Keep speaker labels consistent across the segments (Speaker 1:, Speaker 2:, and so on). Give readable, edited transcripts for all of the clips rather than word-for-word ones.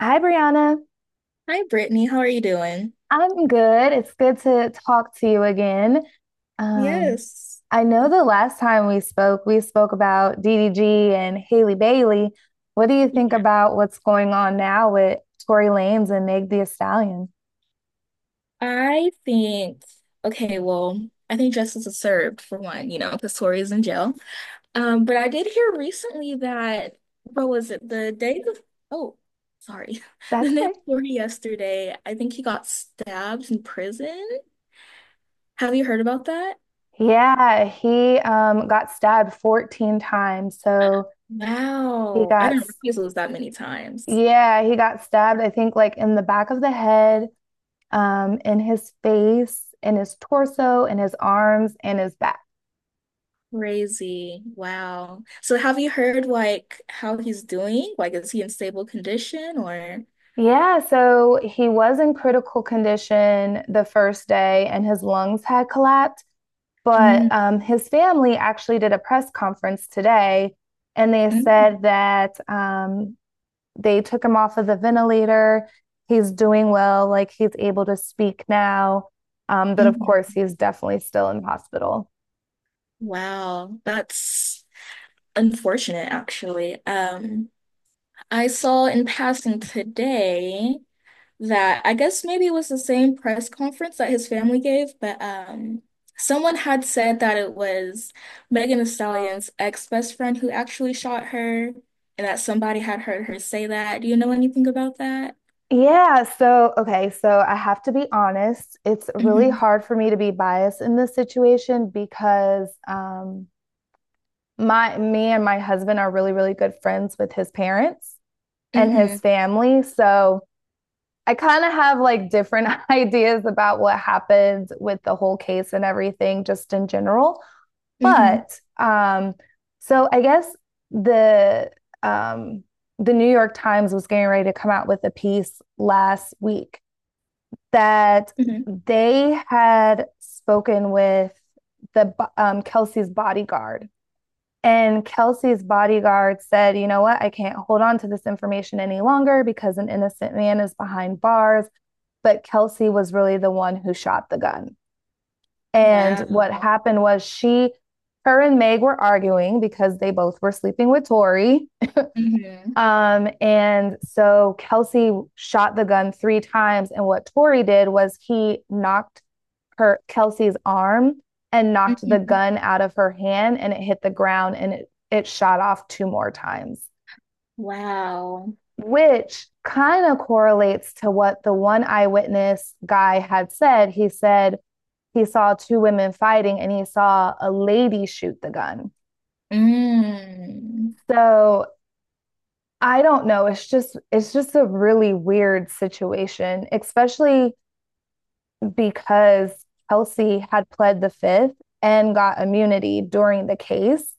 Speaker 1: Hi, Brianna.
Speaker 2: Hi, Brittany. How are you doing?
Speaker 1: I'm good. It's good to talk to you again. Um,
Speaker 2: Yes.
Speaker 1: I know the last time we spoke about DDG and Haley Bailey. What do you think about what's going on now with Tory Lanez and Meg Thee Stallion?
Speaker 2: I think, okay, well, I think justice is served for one, you know, because Tori is in jail. But I did hear recently that, what was it, the day before, oh, sorry,
Speaker 1: That's
Speaker 2: the day
Speaker 1: okay.
Speaker 2: before yesterday, I think he got stabbed in prison. Have you heard about that?
Speaker 1: Yeah, he got stabbed 14 times. So, he
Speaker 2: Wow. I
Speaker 1: got
Speaker 2: didn't realize it was that many times.
Speaker 1: yeah, he got stabbed, I think, like in the back of the head, in his face, in his torso, in his arms, and his back.
Speaker 2: Crazy. Wow. So have you heard like how he's doing? Like, is he in stable condition or?
Speaker 1: Yeah, so he was in critical condition the first day and his lungs had collapsed. But
Speaker 2: Mm,
Speaker 1: his family actually did a press conference today and they
Speaker 2: mm,
Speaker 1: said that they took him off of the ventilator. He's doing well, like he's able to speak now. But of course,
Speaker 2: mhm.
Speaker 1: he's definitely still in hospital.
Speaker 2: Wow, that's unfortunate, actually. I saw in passing today that I guess maybe it was the same press conference that his family gave, but someone had said that it was Megan Thee Stallion's ex-best friend who actually shot her, and that somebody had heard her say that. Do you know anything about that?
Speaker 1: Yeah, so okay, so I have to be honest, it's really
Speaker 2: Mm-hmm.
Speaker 1: hard for me to be biased in this situation because my me and my husband are really good friends with his parents and his
Speaker 2: Mm-hmm.
Speaker 1: family, so I kind of have like different ideas about what happened with the whole case and everything just in general.
Speaker 2: Mm-hmm.
Speaker 1: But so I guess the um the New York Times was getting ready to come out with a piece last week that
Speaker 2: Hmm.
Speaker 1: they had spoken with the Kelsey's bodyguard. And Kelsey's bodyguard said, you know what, I can't hold on to this information any longer because an innocent man is behind bars. But Kelsey was really the one who shot the gun. And what
Speaker 2: Wow.
Speaker 1: happened was, her and Meg were arguing because they both were sleeping with Tori.
Speaker 2: Mm-hmm.
Speaker 1: And so Kelsey shot the gun three times. And what Tori did was he knocked her Kelsey's arm and knocked the
Speaker 2: Hmm.
Speaker 1: gun out of her hand and it hit the ground and it shot off two more times,
Speaker 2: Wow.
Speaker 1: which kind of correlates to what the one eyewitness guy had said. He said he saw two women fighting and he saw a lady shoot the gun.
Speaker 2: Mm.
Speaker 1: So I don't know. It's just a really weird situation, especially because Kelsey had pled the fifth and got immunity during the case.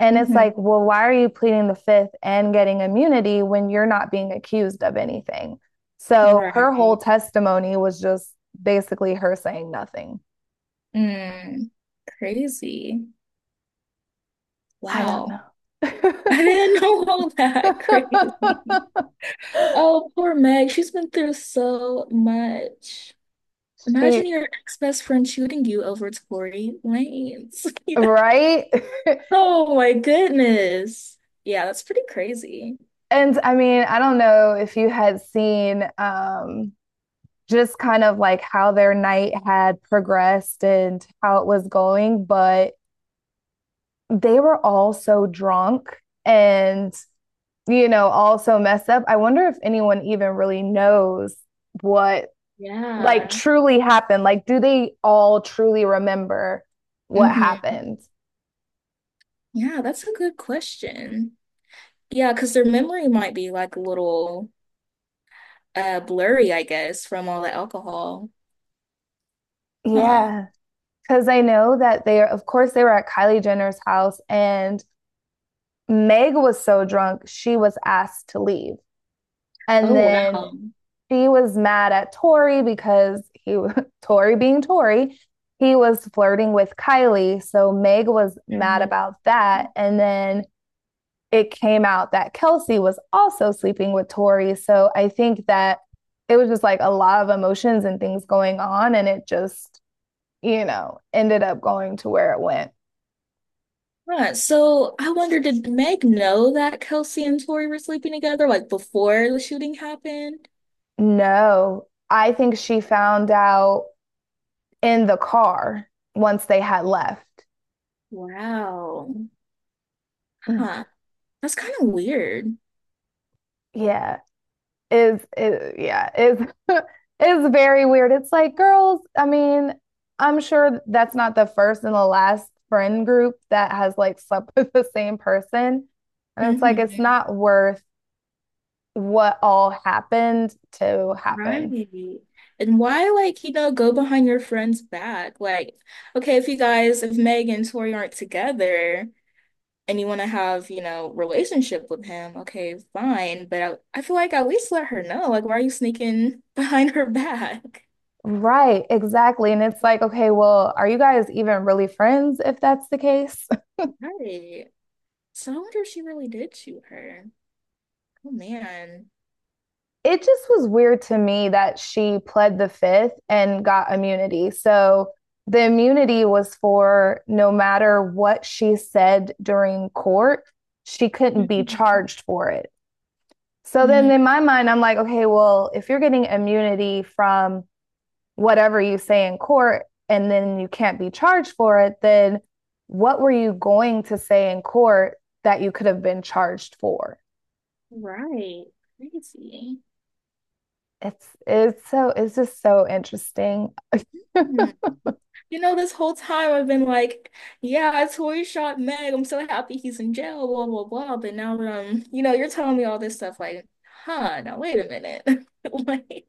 Speaker 1: And it's
Speaker 2: Mm-hmm.
Speaker 1: like, well, why are you pleading the fifth and getting immunity when you're not being accused of anything? So her whole
Speaker 2: Right.
Speaker 1: testimony was just basically her saying nothing.
Speaker 2: Mm. Crazy.
Speaker 1: I don't
Speaker 2: Wow.
Speaker 1: know.
Speaker 2: I didn't know all that. Crazy. Oh, poor Meg. She's been through so much. Imagine
Speaker 1: she,
Speaker 2: your ex-best friend shooting you over Tory Lanez. You know?
Speaker 1: right?
Speaker 2: Oh my goodness. Yeah, that's pretty crazy.
Speaker 1: And I mean, I don't know if you had seen, just kind of like how their night had progressed and how it was going, but they were all so drunk and, you know, all so messed up. I wonder if anyone even really knows what, like,
Speaker 2: Yeah.
Speaker 1: truly happened. Like, do they all truly remember what
Speaker 2: Mm-hmm.
Speaker 1: happened?
Speaker 2: Yeah, that's a good question. Yeah, because their memory might be like a little blurry, I guess, from all the alcohol. Huh.
Speaker 1: Yeah. Cause I know that, they of course, they were at Kylie Jenner's house and Meg was so drunk, she was asked to leave. And
Speaker 2: Oh, wow.
Speaker 1: then she was mad at Tori because he, Tori being Tori, he was flirting with Kylie. So Meg was mad
Speaker 2: Mhm.
Speaker 1: about that. And then it came out that Kelsey was also sleeping with Tori. So I think that it was just like a lot of emotions and things going on. And it just, you know, ended up going to where it went.
Speaker 2: Huh. So I wonder, did Meg know that Kelsey and Tori were sleeping together like before the shooting happened?
Speaker 1: No, I think she found out in the car once they had left.
Speaker 2: Wow. Huh. That's kind of weird.
Speaker 1: Yeah. Is, yeah, is is very weird. It's like, girls, I mean, I'm sure that's not the first and the last friend group that has like slept with the same person. And it's like, it's
Speaker 2: Hmm.
Speaker 1: not worth what all happened to
Speaker 2: Right.
Speaker 1: happen.
Speaker 2: And why, like, you know, go behind your friend's back? Like, okay, if you guys, if Meg and Tori aren't together, and you want to have, you know, relationship with him, okay, fine. But I feel like at least let her know. Like, why are you sneaking behind her back?
Speaker 1: Right, exactly. And it's like, okay, well, are you guys even really friends if that's the case?
Speaker 2: Right. So I wonder if she really did shoot her. Oh man.
Speaker 1: It just was weird to me that she pled the fifth and got immunity. So the immunity was for, no matter what she said during court, she couldn't be
Speaker 2: Mhm.
Speaker 1: charged for it. So then
Speaker 2: Mm,
Speaker 1: in my mind, I'm like, okay, well, if you're getting immunity from whatever you say in court and then you can't be charged for it, then what were you going to say in court that you could have been charged for?
Speaker 2: right. Crazy.
Speaker 1: It's so, it's just so interesting.
Speaker 2: Hmm. You know, this whole time I've been like, yeah, Tori shot Meg. I'm so happy he's in jail, blah, blah, blah. But now, you know, you're telling me all this stuff like, huh, now wait a minute. Like,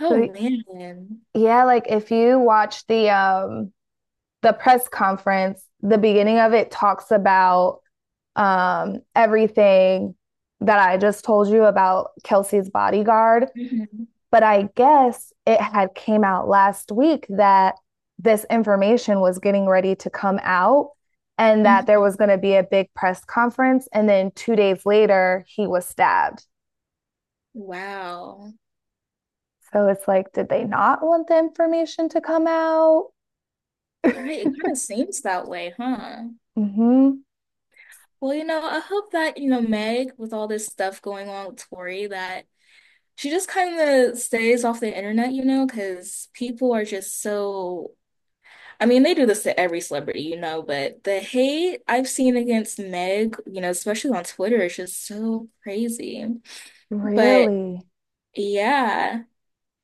Speaker 2: oh
Speaker 1: So,
Speaker 2: man.
Speaker 1: yeah, like if you watch the press conference, the beginning of it talks about, everything that I just told you about Kelsey's bodyguard.
Speaker 2: Mhm.
Speaker 1: But I guess it had came out last week that this information was getting ready to come out and that there was going
Speaker 2: Mhm.
Speaker 1: to be a big press conference. And then 2 days later, he was stabbed.
Speaker 2: Wow.
Speaker 1: So it's like, did they not want the information to come out?
Speaker 2: Right, it kind of seems that way, huh?
Speaker 1: Hmm.
Speaker 2: Well, you know, I hope that, you know, Meg, with all this stuff going on with Tori, that she just kind of stays off the internet, you know, because people are just so, I mean, they do this to every celebrity, you know, but the hate I've seen against Meg, you know, especially on Twitter, is just so crazy. But
Speaker 1: Really?
Speaker 2: yeah,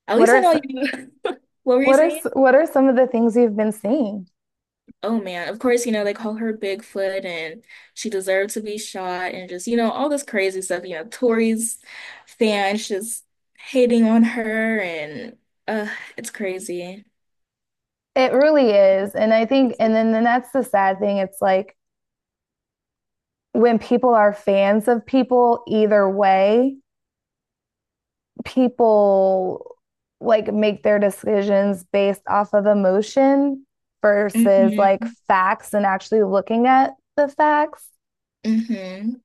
Speaker 2: at
Speaker 1: What
Speaker 2: least I
Speaker 1: are
Speaker 2: know
Speaker 1: some,
Speaker 2: you. What were you saying?
Speaker 1: what are some of the things you've been seeing?
Speaker 2: Oh man, of course, you know, they call her Bigfoot and she deserved to be shot and just, you know, all this crazy stuff. You know, Tori's fans just hating on her and uh it's crazy.
Speaker 1: It really is, and I think, and
Speaker 2: Crazy.
Speaker 1: then that's the sad thing. It's like when people are fans of people, either way, people like make their decisions based off of emotion versus like
Speaker 2: Hmm.
Speaker 1: facts and actually looking at the facts.
Speaker 2: Hmm.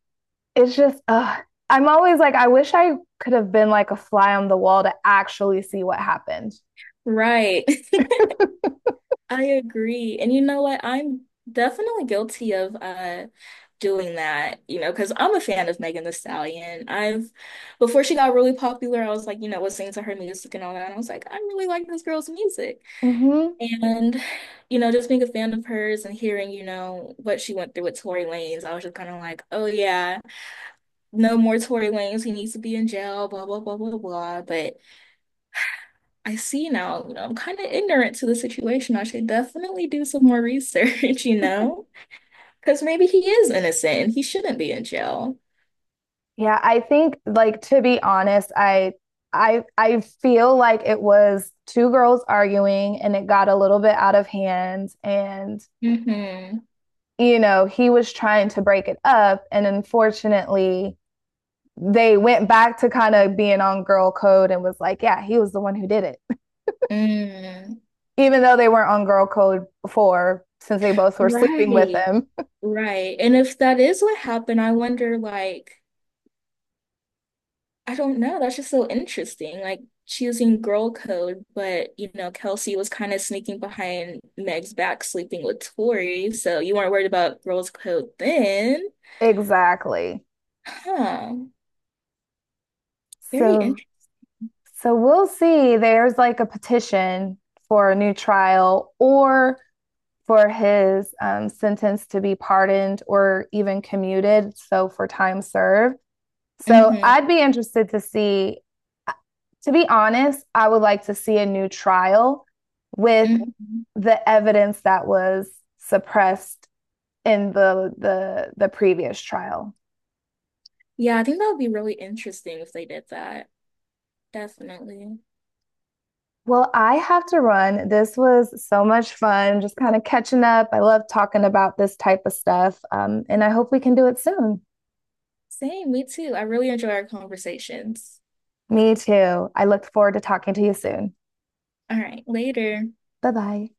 Speaker 1: It's just, ugh. I'm always like, I wish I could have been like a fly on the wall to actually see what happened.
Speaker 2: Right. I agree. And you know what? I'm definitely guilty of doing that, you know, because I'm a fan of Megan Thee Stallion. I've before she got really popular, I was like, you know, listening to her music and all that. And I was like, I really like this girl's music.
Speaker 1: Hmm.
Speaker 2: And, you know, just being a fan of hers and hearing, you know, what she went through with Tory Lanez, I was just kind of like, oh yeah, no more Tory Lanez. He needs to be in jail, blah, blah, blah, blah, blah. But I see now, you know, I'm kind of ignorant to the situation. I should definitely do some more research, you know, because maybe he is innocent and he shouldn't be in jail.
Speaker 1: Yeah, I think, like, to be honest, I feel like it was two girls arguing and it got a little bit out of hand and,
Speaker 2: Mm-hmm.
Speaker 1: you know, he was trying to break it up and unfortunately they went back to kind of being on girl code and was like, yeah, he was the one who did it.
Speaker 2: Mm.
Speaker 1: Even though they weren't on girl code before since they both were sleeping with
Speaker 2: Right.
Speaker 1: him.
Speaker 2: Right. And if that is what happened, I wonder, like, I don't know. That's just so interesting. Like, she was in girl code, but, you know, Kelsey was kind of sneaking behind Meg's back, sleeping with Tori. So you weren't worried about girls code then.
Speaker 1: Exactly.
Speaker 2: Huh. Very
Speaker 1: So, so we'll see. There's like a petition for a new trial or for his, sentence to be pardoned or even commuted. So, for time served. So
Speaker 2: interesting.
Speaker 1: I'd be interested to see, to be honest, I would like to see a new trial with
Speaker 2: Mhm.
Speaker 1: the evidence that was suppressed in the previous trial.
Speaker 2: Yeah, I think that would be really interesting if they did that. Definitely.
Speaker 1: Well, I have to run. This was so much fun, just kind of catching up. I love talking about this type of stuff, and I hope we can do it soon.
Speaker 2: Same, me too. I really enjoy our conversations.
Speaker 1: Me too. I look forward to talking to you soon.
Speaker 2: All right, later.
Speaker 1: Bye bye.